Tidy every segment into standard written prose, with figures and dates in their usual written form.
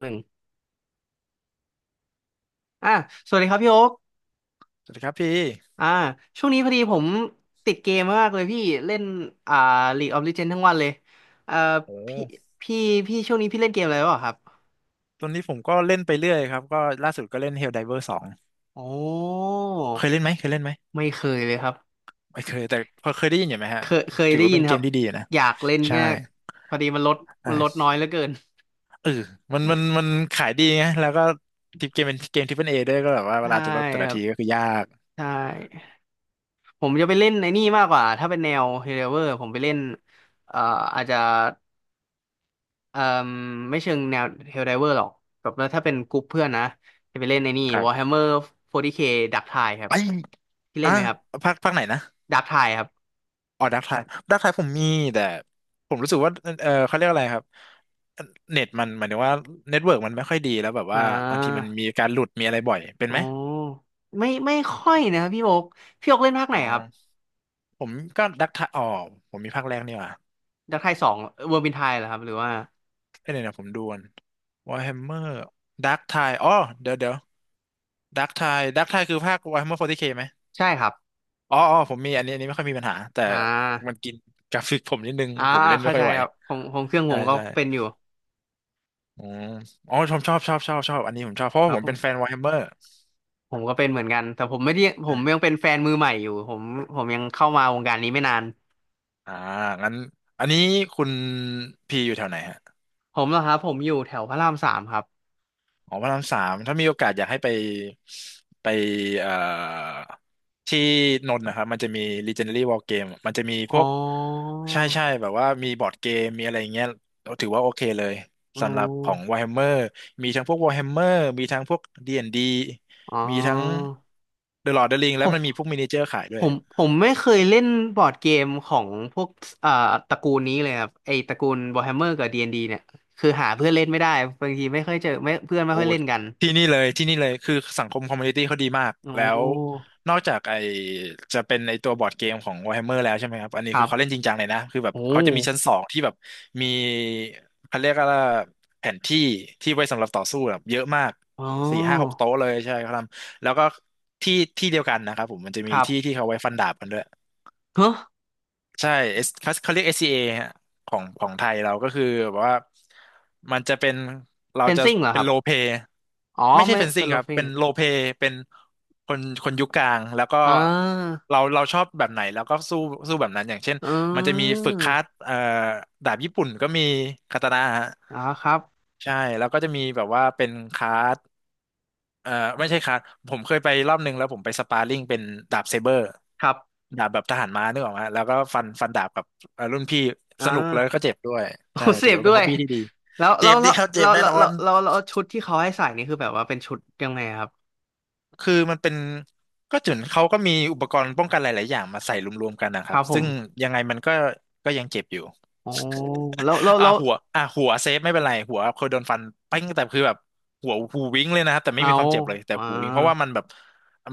หนึ่งอ่ะสวัสดีครับพี่โอ๊คสวัสดีครับพี่อ่าช่วงนี้พอดีผมติดเกมมากเลยพี่เล่นอ่า League of Legends ทั้งวันเลยเอ่อโอ้พี่พี่พี่ช่วงนี้พี่เล่นเกมอะไรบ้างครับตอนนี้ผมก็เล่นไปเรื่อยครับ ก็ล่าสุดก็เล่น Helldiver สองโอ้เคยเล่นไหมเคยเล่นไหมไม่เคยเลยครับไม่เคย แต่พอเคยได้ยินอยู่ไหมฮะเคยถือได้ว่ายิเป็นนเกครัมบที่ดีอยู่นะ อยากเล่นใช่แง่พอดีมันลดใช่น้อยเหลือเกินเออมันขายดีไงแล้วก็ทิปเกมเป็นเกมทิปเปิลเอด้วยก็แบบว่าเวใช่ลาจะลดแต่คละรับทีก็คือยากใช่ผมจะไปเล่นในนี่มากกว่าถ้าเป็นแนว h e r o เวอร์ผมไปเล่นเอ่ออาจจะ เอ่มไม่เชิงแนวเฮลไดเวอร์หรอกแบบว่าถ้าเป็นกลุ่มเพื่อนนะจะไปเล่นในนี่ ครับ Warhammer 40K Dark Tide ครับไอ้ที่เล่อ่ะนไหมครับ ภาคไหนนะ Dark Tide ครับอ๋อดักไทายดักไทายผมมีแต่ผมรู้สึกว่าเออเขาเรียกอะไรครับเน็ตมันหมายถึงว่าเน็ตเวิร์กมันไม่ค่อยดีแล้วแบบอ่ว่าบางทีมันามีการหลุดมีอะไรบ่อยเป็นอ๋อไหมไม่ค่อยนะครับพี่โอ๊กพี่โอ๊กเล่นภาคไหนอ๋ครับ อ ผมก็ดักทายอ๋อผมมีภาคแรกนี่หว่ะ Dark Tide สองเวอร์บินไทยเหรอครับหรือว่าเอ้ยเนี่ยวนะผมดูก่อนวอ r แฮมเมอร์ดักทายอ๋อเดี๋ยวเดี๋ยวดักทายดักทายคือภาควอ r แฮมเมอร์4เคไหมใช่ครับอ๋ออ๋อผมมีอันนี้อันนี้ไม่ค่อยมีปัญหาแต่อ่มันากินกราฟิกผมนิดนึงอ่าผมเล่นไม่เข้าค่อใจยไหวครับผมเครื่องผใช่มก็ใช่เป็นอยู่อืมอ๋อผมบชอบอันนี้ผมชอบเพราะคว่ารัผมเป็นแฟนบวอ r แฮมเมอร์ผมก็เป็นเหมือนกันแต่ผมไม่ได้ผมยังเป็นแฟนมือใหม่อยู่ผมผมยังเข้ามาวงการนี้ไม่นานอ่างั้นอันนี้คุณพีอยู่แถวไหนฮะ ผมเหรอครับผมอยู่แถวพระรามสามครับ อ๋อพระรามสามถ้ามีโอกาสอยากให้ไปไปเอ่อที่นนท์นะครับมันจะมี Legendary War Game มันจะมีพอ๋อวกใช่ใช่แบบว่ามีบอร์ดเกม มีอะไรอย่างเงี้ยเราถือว่าโอเคเลยอ๋อสำหรับของ Warhammer มีทั้งพวก Warhammer มีทั้งพวก D&D อ๋มีทั้ง อ The Lord of the Ring ผแล้วมันมีพวกมมินิเจอร์ขายด้วย ผมไม่เคยเล่นบอร์ดเกมของพวกอ่าตระกูลนี้เลยครับไอตระกูล Warhammer กับ D&D เนี่ยคือหาเพื่อนเล่นไม่ได้บางทีไม่ค่อยเจอไม่เพื่อนไม่โอ้ค่อยเล่นกันที่นี่เลยที่นี่เลยคือสังคมคอมมูนิตี้เขาดีมากอ๋อแล้วนอกจากไอจะเป็นในตัวบอร์ดเกมของ Warhammer แล้วใช่ไหมครับอันคนี้รัคือเขาเล่นจบริงจังเลยนะคือแบบโอ้เขาจะมีชั้นสองที่แบบมีเขาเรียกว่าแผนที่ที่ไว้สำหรับต่อสู้แบบเยอะมากอ๋อสี่ห้าหกโต๊ะเลยใช่เขาทำแล้วก็ที่ที่เดียวกันนะครับผมมันจะคมีรัที่ที่บเขาไว้ฟันดาบกันด้วย เฮ้อใช่ S เขาเขาเรียก SCA ฮะของของไทยเราก็คือแบบว่ามันจะเป็นเราเฟนจะซิ่งเหรอคเป็นรับโลเ a อ๋อไม่ใช่ไม่เฟนซิ่เป็งนโลครับฟิงเป็นโลเ a เป็นคนคนยุคกลางแล้วก็อ่าเราชอบแบบไหนแล้วก็สู้สู้แบบนั้นอย่างเช่นอ๋มันจะมีอฝึกคัดดาบญี่ปุ่นก็มีคาตานะฮะอ๋อครับใช่แล้วก็จะมีแบบว่าเป็นคัด เอ่อไม่ใช่คัดผมเคยไปรอบนึงแล้วผมไปสปาร์ริ่งเป็นดาบเซเบอร์ครับดาบแบบทหารม้านึกออกไหมแล้วก็ฟันดาบกับรุ่นพี่อ่สนุกแล้วา ก็เจ็บด้วยโอ้ใช่เสถือพว่าด้เป็นวฮอยบบี้ที่ดีแล้วเจ็แล้บวแล้ดีวครับเจ็แล้บวแน่แล้วนอแล้นวแล้วแล้วชุดที่เขาให้ใส่นี่คือแบบว่าเป็นชุดยังไงครับคือมันเป็นก็จุนเขาก็มีอุปกรณ์ป้องกันหลายๆอย่างมาใส่รวมๆกันนะคครับรับผซึ่งมยังไงมันก็ยังเจ็บอยู่ โอ้แล้วแล้วอ่าแล้วหัวอ่าหัวเซฟไม่เป็นไรหัวเคยโดนฟันปิ้งแต่คือแบบหัวหูวิ้งเลยนะครับแต่ไม่เอามีความเจ็บเลยแต่อ่าหูวิ้งเพราะว่ามันแบบ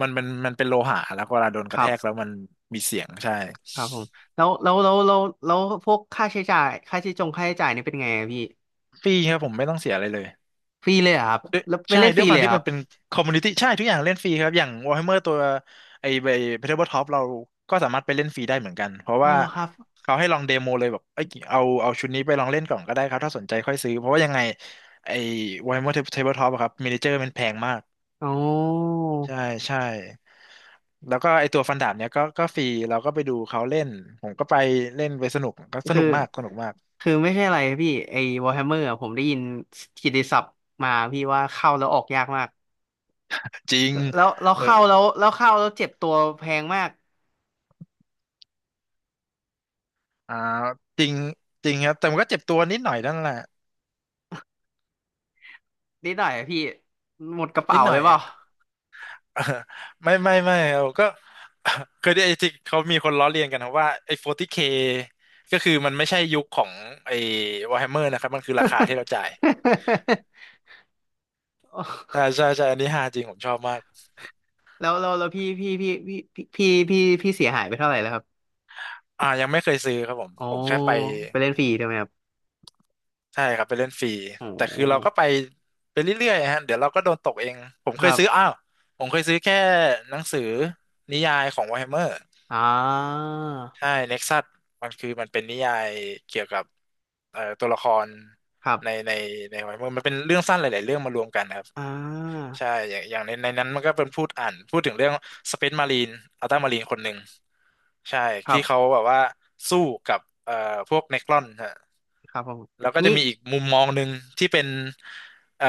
มันเป็นโลหะแล้วเวลาโดนกคระรัแทบกแล้วมันมีเสียงใช่ครับผมแล้วพวกค่าใช้จ่ายค่าใช้จงค่าใช้จ่ายนี่เป็นไงอะพี่ฟรีครับผมไม่ต้องเสียอะไรเลยฟรีเลยเหรอครับด้วยแล้วไปใช่เล่นฟด้วรียควาเลมยเหรที่อครัมับนเป็นคอมมูนิตี้ใช่ทุกอย่างเล่นฟรีครับอย่าง Warhammer ตัวไอ้ Tabletop เราก็สามารถไปเล่นฟรีได้เหมือนกันเพราะอ๋อว่าเหรอครับเขาให้ลองเดโมเลยแบบเอ้ยเอาชุดนี้ไปลองเล่นก่อนก็ได้ครับถ้าสนใจค่อยซื้อเพราะว่ายังไงไอ้ Warhammer Tabletop อะครับมินิเจอร์มันแพงมาก อ๋อใช่ใช่แล้วก็ไอตัวฟันดาบเนี้ยก็ฟรีเราก็ไปดูเขาเล่นผมก็ไปเล่นไปสนุกก็สคือ นุกมากสนุกมากคือไม่ใช่อะไรพี่ไอ้ Warhammer อะผมได้ยินกิตติศัพท์มาพี่ว่าเข้าแล้วออกยากมาก จริงแล้วเราเออเข้าแล้วเจ็บตัวแพงมากอ่าจริงจริงครับแต่มันก็เจ็บตัวนิดหน่อยนั่นแหละนิดหน่อยอะพี่หมดกระนิเป๋าดหน่เลอยยเปล่า อะ ไม่ไม่เราก็ เคยได้ไอ้ที่เขามีคนล้อเลียนกันนะว่าไอ้ 40K ก็คือมันไม่ใช่ยุคของไอ้ Warhammer นะครับมันคือราคาที่เราจ่ายใช่ ใช่ใช่อันนี้ฮาจริงผมชอบมากแล้วพี่เสียหายไปเท่าไหร่แล้วครับอ่ายังไม่เคยซื้อครับผมโอ้แค่ไป ไปเล่นฟรีใช่ไหมครับใช่ครับไปเล่นฟรีโอแต่คือเรา้ก็ไปไปเรื่อยๆฮะเดี๋ยวเราก็โดนตกเองผมคเคยรับซื้ออ้าวผมเคยซื้อแค่หนังสือนิยายของ Warhammer อ่าใช่ Nexus มันคือมันเป็นนิยายเกี่ยวกับตัวละครครับในในใน Warhammer มันเป็นเรื่องสั้นหลายๆเรื่องมารวมกันครับอ่าใช่อย่างอย่างในนั้นมันก็เป็นพูดอ่านพูดถึงเรื่อง Space Marine อัลต้ามารีนคนหนึ่งใช่ครัที่บเขาแบบว่าสู้กับพวกเนครอน ครับผมแล้วก็จะงี้มีอีกมุมมองหนึ่งที่เป็นเอ่อ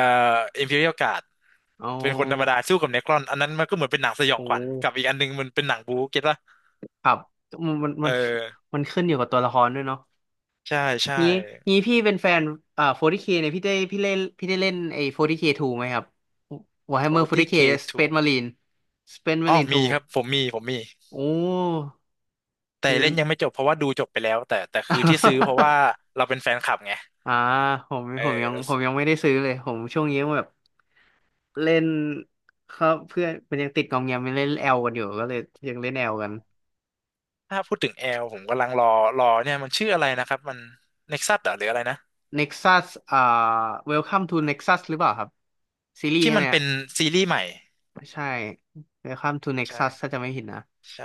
Imperial Guard อ๋อเป็นคนธรรมดาสู้กับเนครอนอันนั้นมันก็เหมือนเป็นหนังสยองโอ้ขวัญกับอีกอันหนึงมันเป็นหนังบู๊เก็ตป่ะครับมันมันเอมันอมันขึ้นอยู่กับตัวละครด้วยเนาะ ใช่ใช่งี้งี้พี่เป็นแฟน40K เคเนี่ยพี่ได้พี่เล่นพี่ได้เล่นไอ้ 40K 2ไหมครับ โอ Warhammer ที 40K เคทู Space Marine Space อ๋อ Marine 2มีครับผมมีผมมีโอ้แต่คือมัเล่น นยังไม่จบเพราะว่าดูจบไปแล้วแต่คือที่ซื้อเพราะว่า เราเป็นแฟนคลับไงอ่าผมเออผมยังแล้วผมซื้อยังไม่ได้ซื้อเลยผมช่วงนี้แบบเล่นครับเพื่อนมันยังติดกองแงมยั่เล่นแอลกันอยู่ก็เลยยังเล่นแอลอ๋อกัน ถ้าพูดถึงแอลผมกำลังรอรอเนี่ยมันชื่ออะไรนะครับมันเน็กซัสหรืออะไรนะ Nexus อ่า Welcome to Nexus หรือเปล่าครับซีรีส์ที่ใช่ไหมัมนเป็อะนซีรีส์ใหม่ใช่ Welcome to Nexus ใช่ถ้าจะไม่ผิดนะ ใช่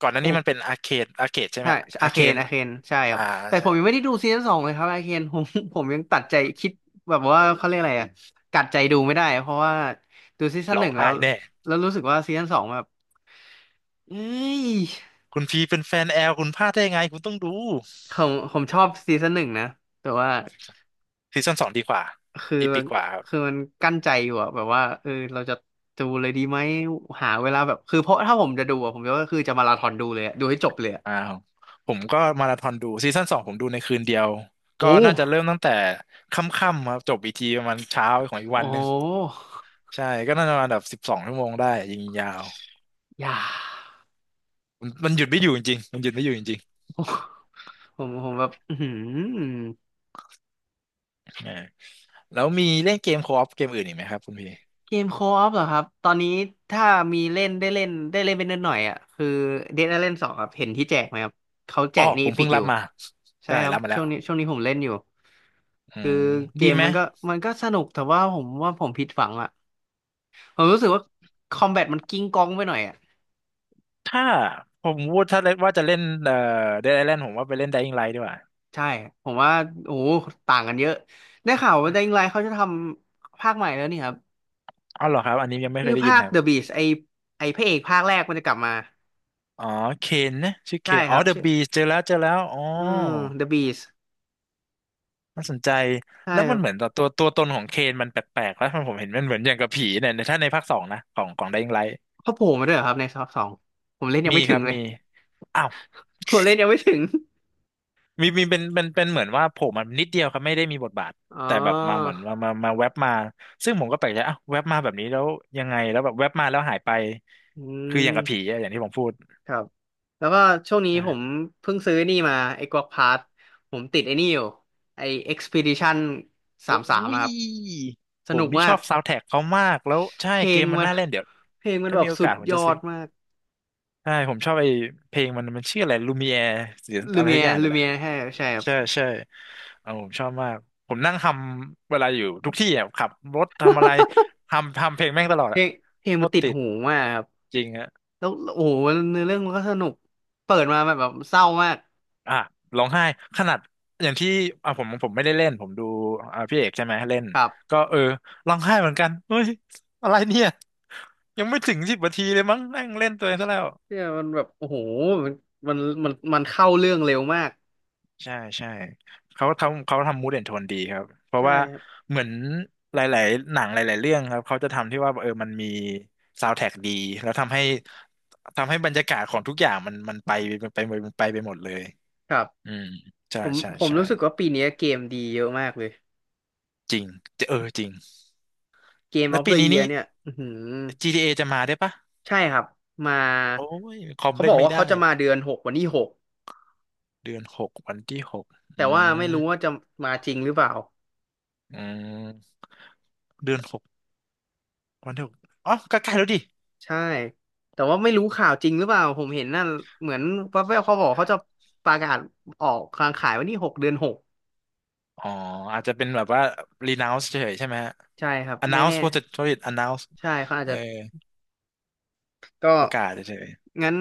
ก่อนหน้านี้มันเป็นอาร์เคดใช่ไหใช่มอาอาร์เคเคนนอาเคนใช่ครัอ่าบแต่ผใช่มยังไม่ได้ดูซีซั่นสองเลยครับอาเคนผม ผมยังตัดใจคิดแบบว่าเขาเรียกอะไรอะกัดใจดูไม่ได้เพราะว่าดูซีซั่นร้หอนึ่งงแล้ไห้วแน่แล้วรู้สึกว่าซีซั่นสองแบบเอ้ยคุณพีเป็นแฟนแอลคุณพลาดได้ยังไงคุณต้องดูผมชอบซีซั่นหนึ่งนะแต่ว่าซีซั่นสองดีกว่าคืออีปีกว่าครับคือมันกั้นใจอยู่อะแบบว่าเออเราจะดูเลยดีไหมหาเวลาแบบคือเพราะถ้าผมจะดูอะผมก็คือจะมาราธอนดูเลยอะดูให้จบเลยอะอ้าวผมก็มาราธอนดูซีซั่นสองผมดูในคืนเดียวโอ้ก็น่าจะเริ่มตั้งแต่ค่ำๆครับจบอีกทีประมาณเช้าของอีกวัโอ้นหโนึ่งหใช่ก็น่าจะประมาณแบบสิบสองชั่วโมงได้ยิงยาวอย่า มันหยุดไม่อยู่จริงๆมันหยุดไม่อยู่จริงผมแบบอือหือๆเออแล้วมีเล่นเกมโคออฟเกมอื่นอีกไหมครับคุณพี่เกมโคออฟเหรอครับตอนนี้ถ้ามีเล่นเป็นนิดหน่อยอ่ะคือเดดไอแลนด์สองครับเห็นที่แจกไหมครับเขาแจอ๋อกในผอีมพิเพิ่กงอรับยู่มาใช่ได้ครับรับมาแล้วช่วงนี้ผมเล่นอยู่อืคือมเกดีมไหม มันมันก็สนุกแต่ว่าผมผิดหวังอ่ะผมรู้สึกว่าคอมแบทมันกิ้งก้องไปหน่อยอ่ะถ้าผมพูดถ้าเล่นว่าจะเล่นเดดไอแลนด์ผมว่าไปเล่น Dying Light ดีกว่าใช่ผมว่าโอ้โหต่างกันเยอะได้ข่าวว่า Dying Light เขาจะทำภาคใหม่แล้วนี่ครับอ๋อเหรอครับอันนี้ยังไม่คืเคอยได้ยินภาค ครับ The Beast ไอพระเอกภาคแรกมันจะกลับมาอ๋อเคนนะชื่อเคใช่นคอ๋อรับ เดอะบีเจอแล้วเจอแล้วอ๋อเอื The Beast น่าสนใจใช่แล้วคมัรันบเหมือนตัวตนของเคนมันแปลกๆแล้วผมเห็นมันเหมือนอย่างกับผีเนี่ยในถ้าในภาคสองนะของ Dying Light เขาโผล่มาด้วยเหรอครับในซอสองผมเล่นยังมีไม่คถึงรับเลย มี ผมเล่นยังไม่ถึงมีมีเป็นเหมือนว่าโผล่มานิดเดียวครับไม่ได้มีบทบาทอ๋อแต่แบบมาเหมือนมาแว็บมาซึ่งผมก็แปลกใจอ้าวแว็บมาแบบนี้แล้วยังไงแล้วแบบแว็บมาแล้วหายไปอืคืออย่างกับผีมอะอย่างที่ผมพูดครับแล้วก็ช่วงนี้ผมอ่ะเพิ่งซื้อนี่มาไอ้กวักพาร์ทผมติดไอ้นี่อยู่ไอ้ Expedition โอ้สามยครับสผนุมกนี่มาชอกบซาว n d แท a ็กเขามากแล้วใช่เพลเกงมมันมัน น่าเล่นเดี๋ยว เพลงมันถ้าแบมีบโอสุกาดสผมยจะอซื้อ ดมากใช่ผมชอบไอ้เพลงมันชื่ออะไรลูมิแอร์หรืออะไรสักอย่างเนี่ลูยแหละเมียใช่ใช่ครับใช่ใช่เออผมชอบมากผมนั่งทำเวลาอยู่ทุกที่อ่ะขับรถทำอะไรทำเพลงแม่งตลอดเพลอ่ะงเพลงโคมันตรติดติดหูมากครับจริงอ่ะแล้วโอ้โหเนื้อเรื่องมันก็สนุกเปิดมาแบบเศร้ามากอ่ะร้องไห้ขนาดอย่างที่อ่ะผมผมไม่ได้เล่นผมดูอ่ะพี่เอกใช่ไหมเล่นครับ ก็เออร้องไห้เหมือนกันเฮ้ยอะไรเนี่ยยังไม่ถึงสิบนาทีเลยมั้งนั่งเล่นตัวเองซะแล้ว เนี่ยมันแบบโอ้โหมันมันมันเข้าเรื่องเร็วมากใช่ใช่เขาทำมูดแอนโทนดีครับเพราะใช่ว่าครับเหมือนหลายๆหนังหลายๆเรื่องครับเขาจะทำที่ว่าเออมันมีซาว n d t ท a c k ดีแล้วทำให้บรรยากาศของทุกอย่างมันไปมันไปมันไปไปหมดเลยครับอืมใช่ผมใช่ผมใช่รู้สึกว่าปีนี้เกมดีเยอะมากเลยจริงเออจริงเกมอแล้วอฟเด ปี e นี้เยียนี่ เนี่ยอือหือ GTA จะมาได้ปะใช่ครับมาโอ้ยคอมเขาบเล่นอกไม่ว่าได้เขาจะมาเดือนหกวันที่หกเดือนหกวันที่หกแต่อืว่าไม่มรู้ว่าจะมาจริงหรือเปล่าอืมเดือนหกวันที่หกอ๋อก็ใกล้ๆแล้วดิ ใช่แต่ว่าไม่รู้ข่าวจริงหรือเปล่าผมเห็นนั่นเหมือนแว๊บๆเขาบอกเขาจะประกาศออกกางขายวันที่หกเดือนหกอ๋ออาจจะเป็นแบบว่า renounce เฉยๆใช่ไหมฮะ ใช่ครับไม่ announce แน่ภาษาอังกฤษ announce ใช่เขาอาจเออจะ ก็ประกาศเฉยงั้น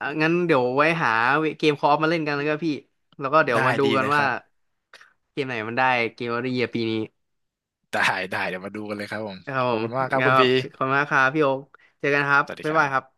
อ่ะงั้นเดี๋ยวไว้หาเกมคออฟมาเล่นกันแล้วก็พี่แล้วก็เดี๋ๆยวได้มาดูดีกันเลยคว่ารับเกมไหนมันได้เกมออฟเดอะเยียร์ปีนี้ได้ได้เดี๋ยวมาดูกันเลยครับผมครับผขอบมคุณมากครับงั้นคุณครับพีขอบคุณมากครับพี่โอ๊คเจอกันครับสวัสดีบ๊าคยรับายครับบ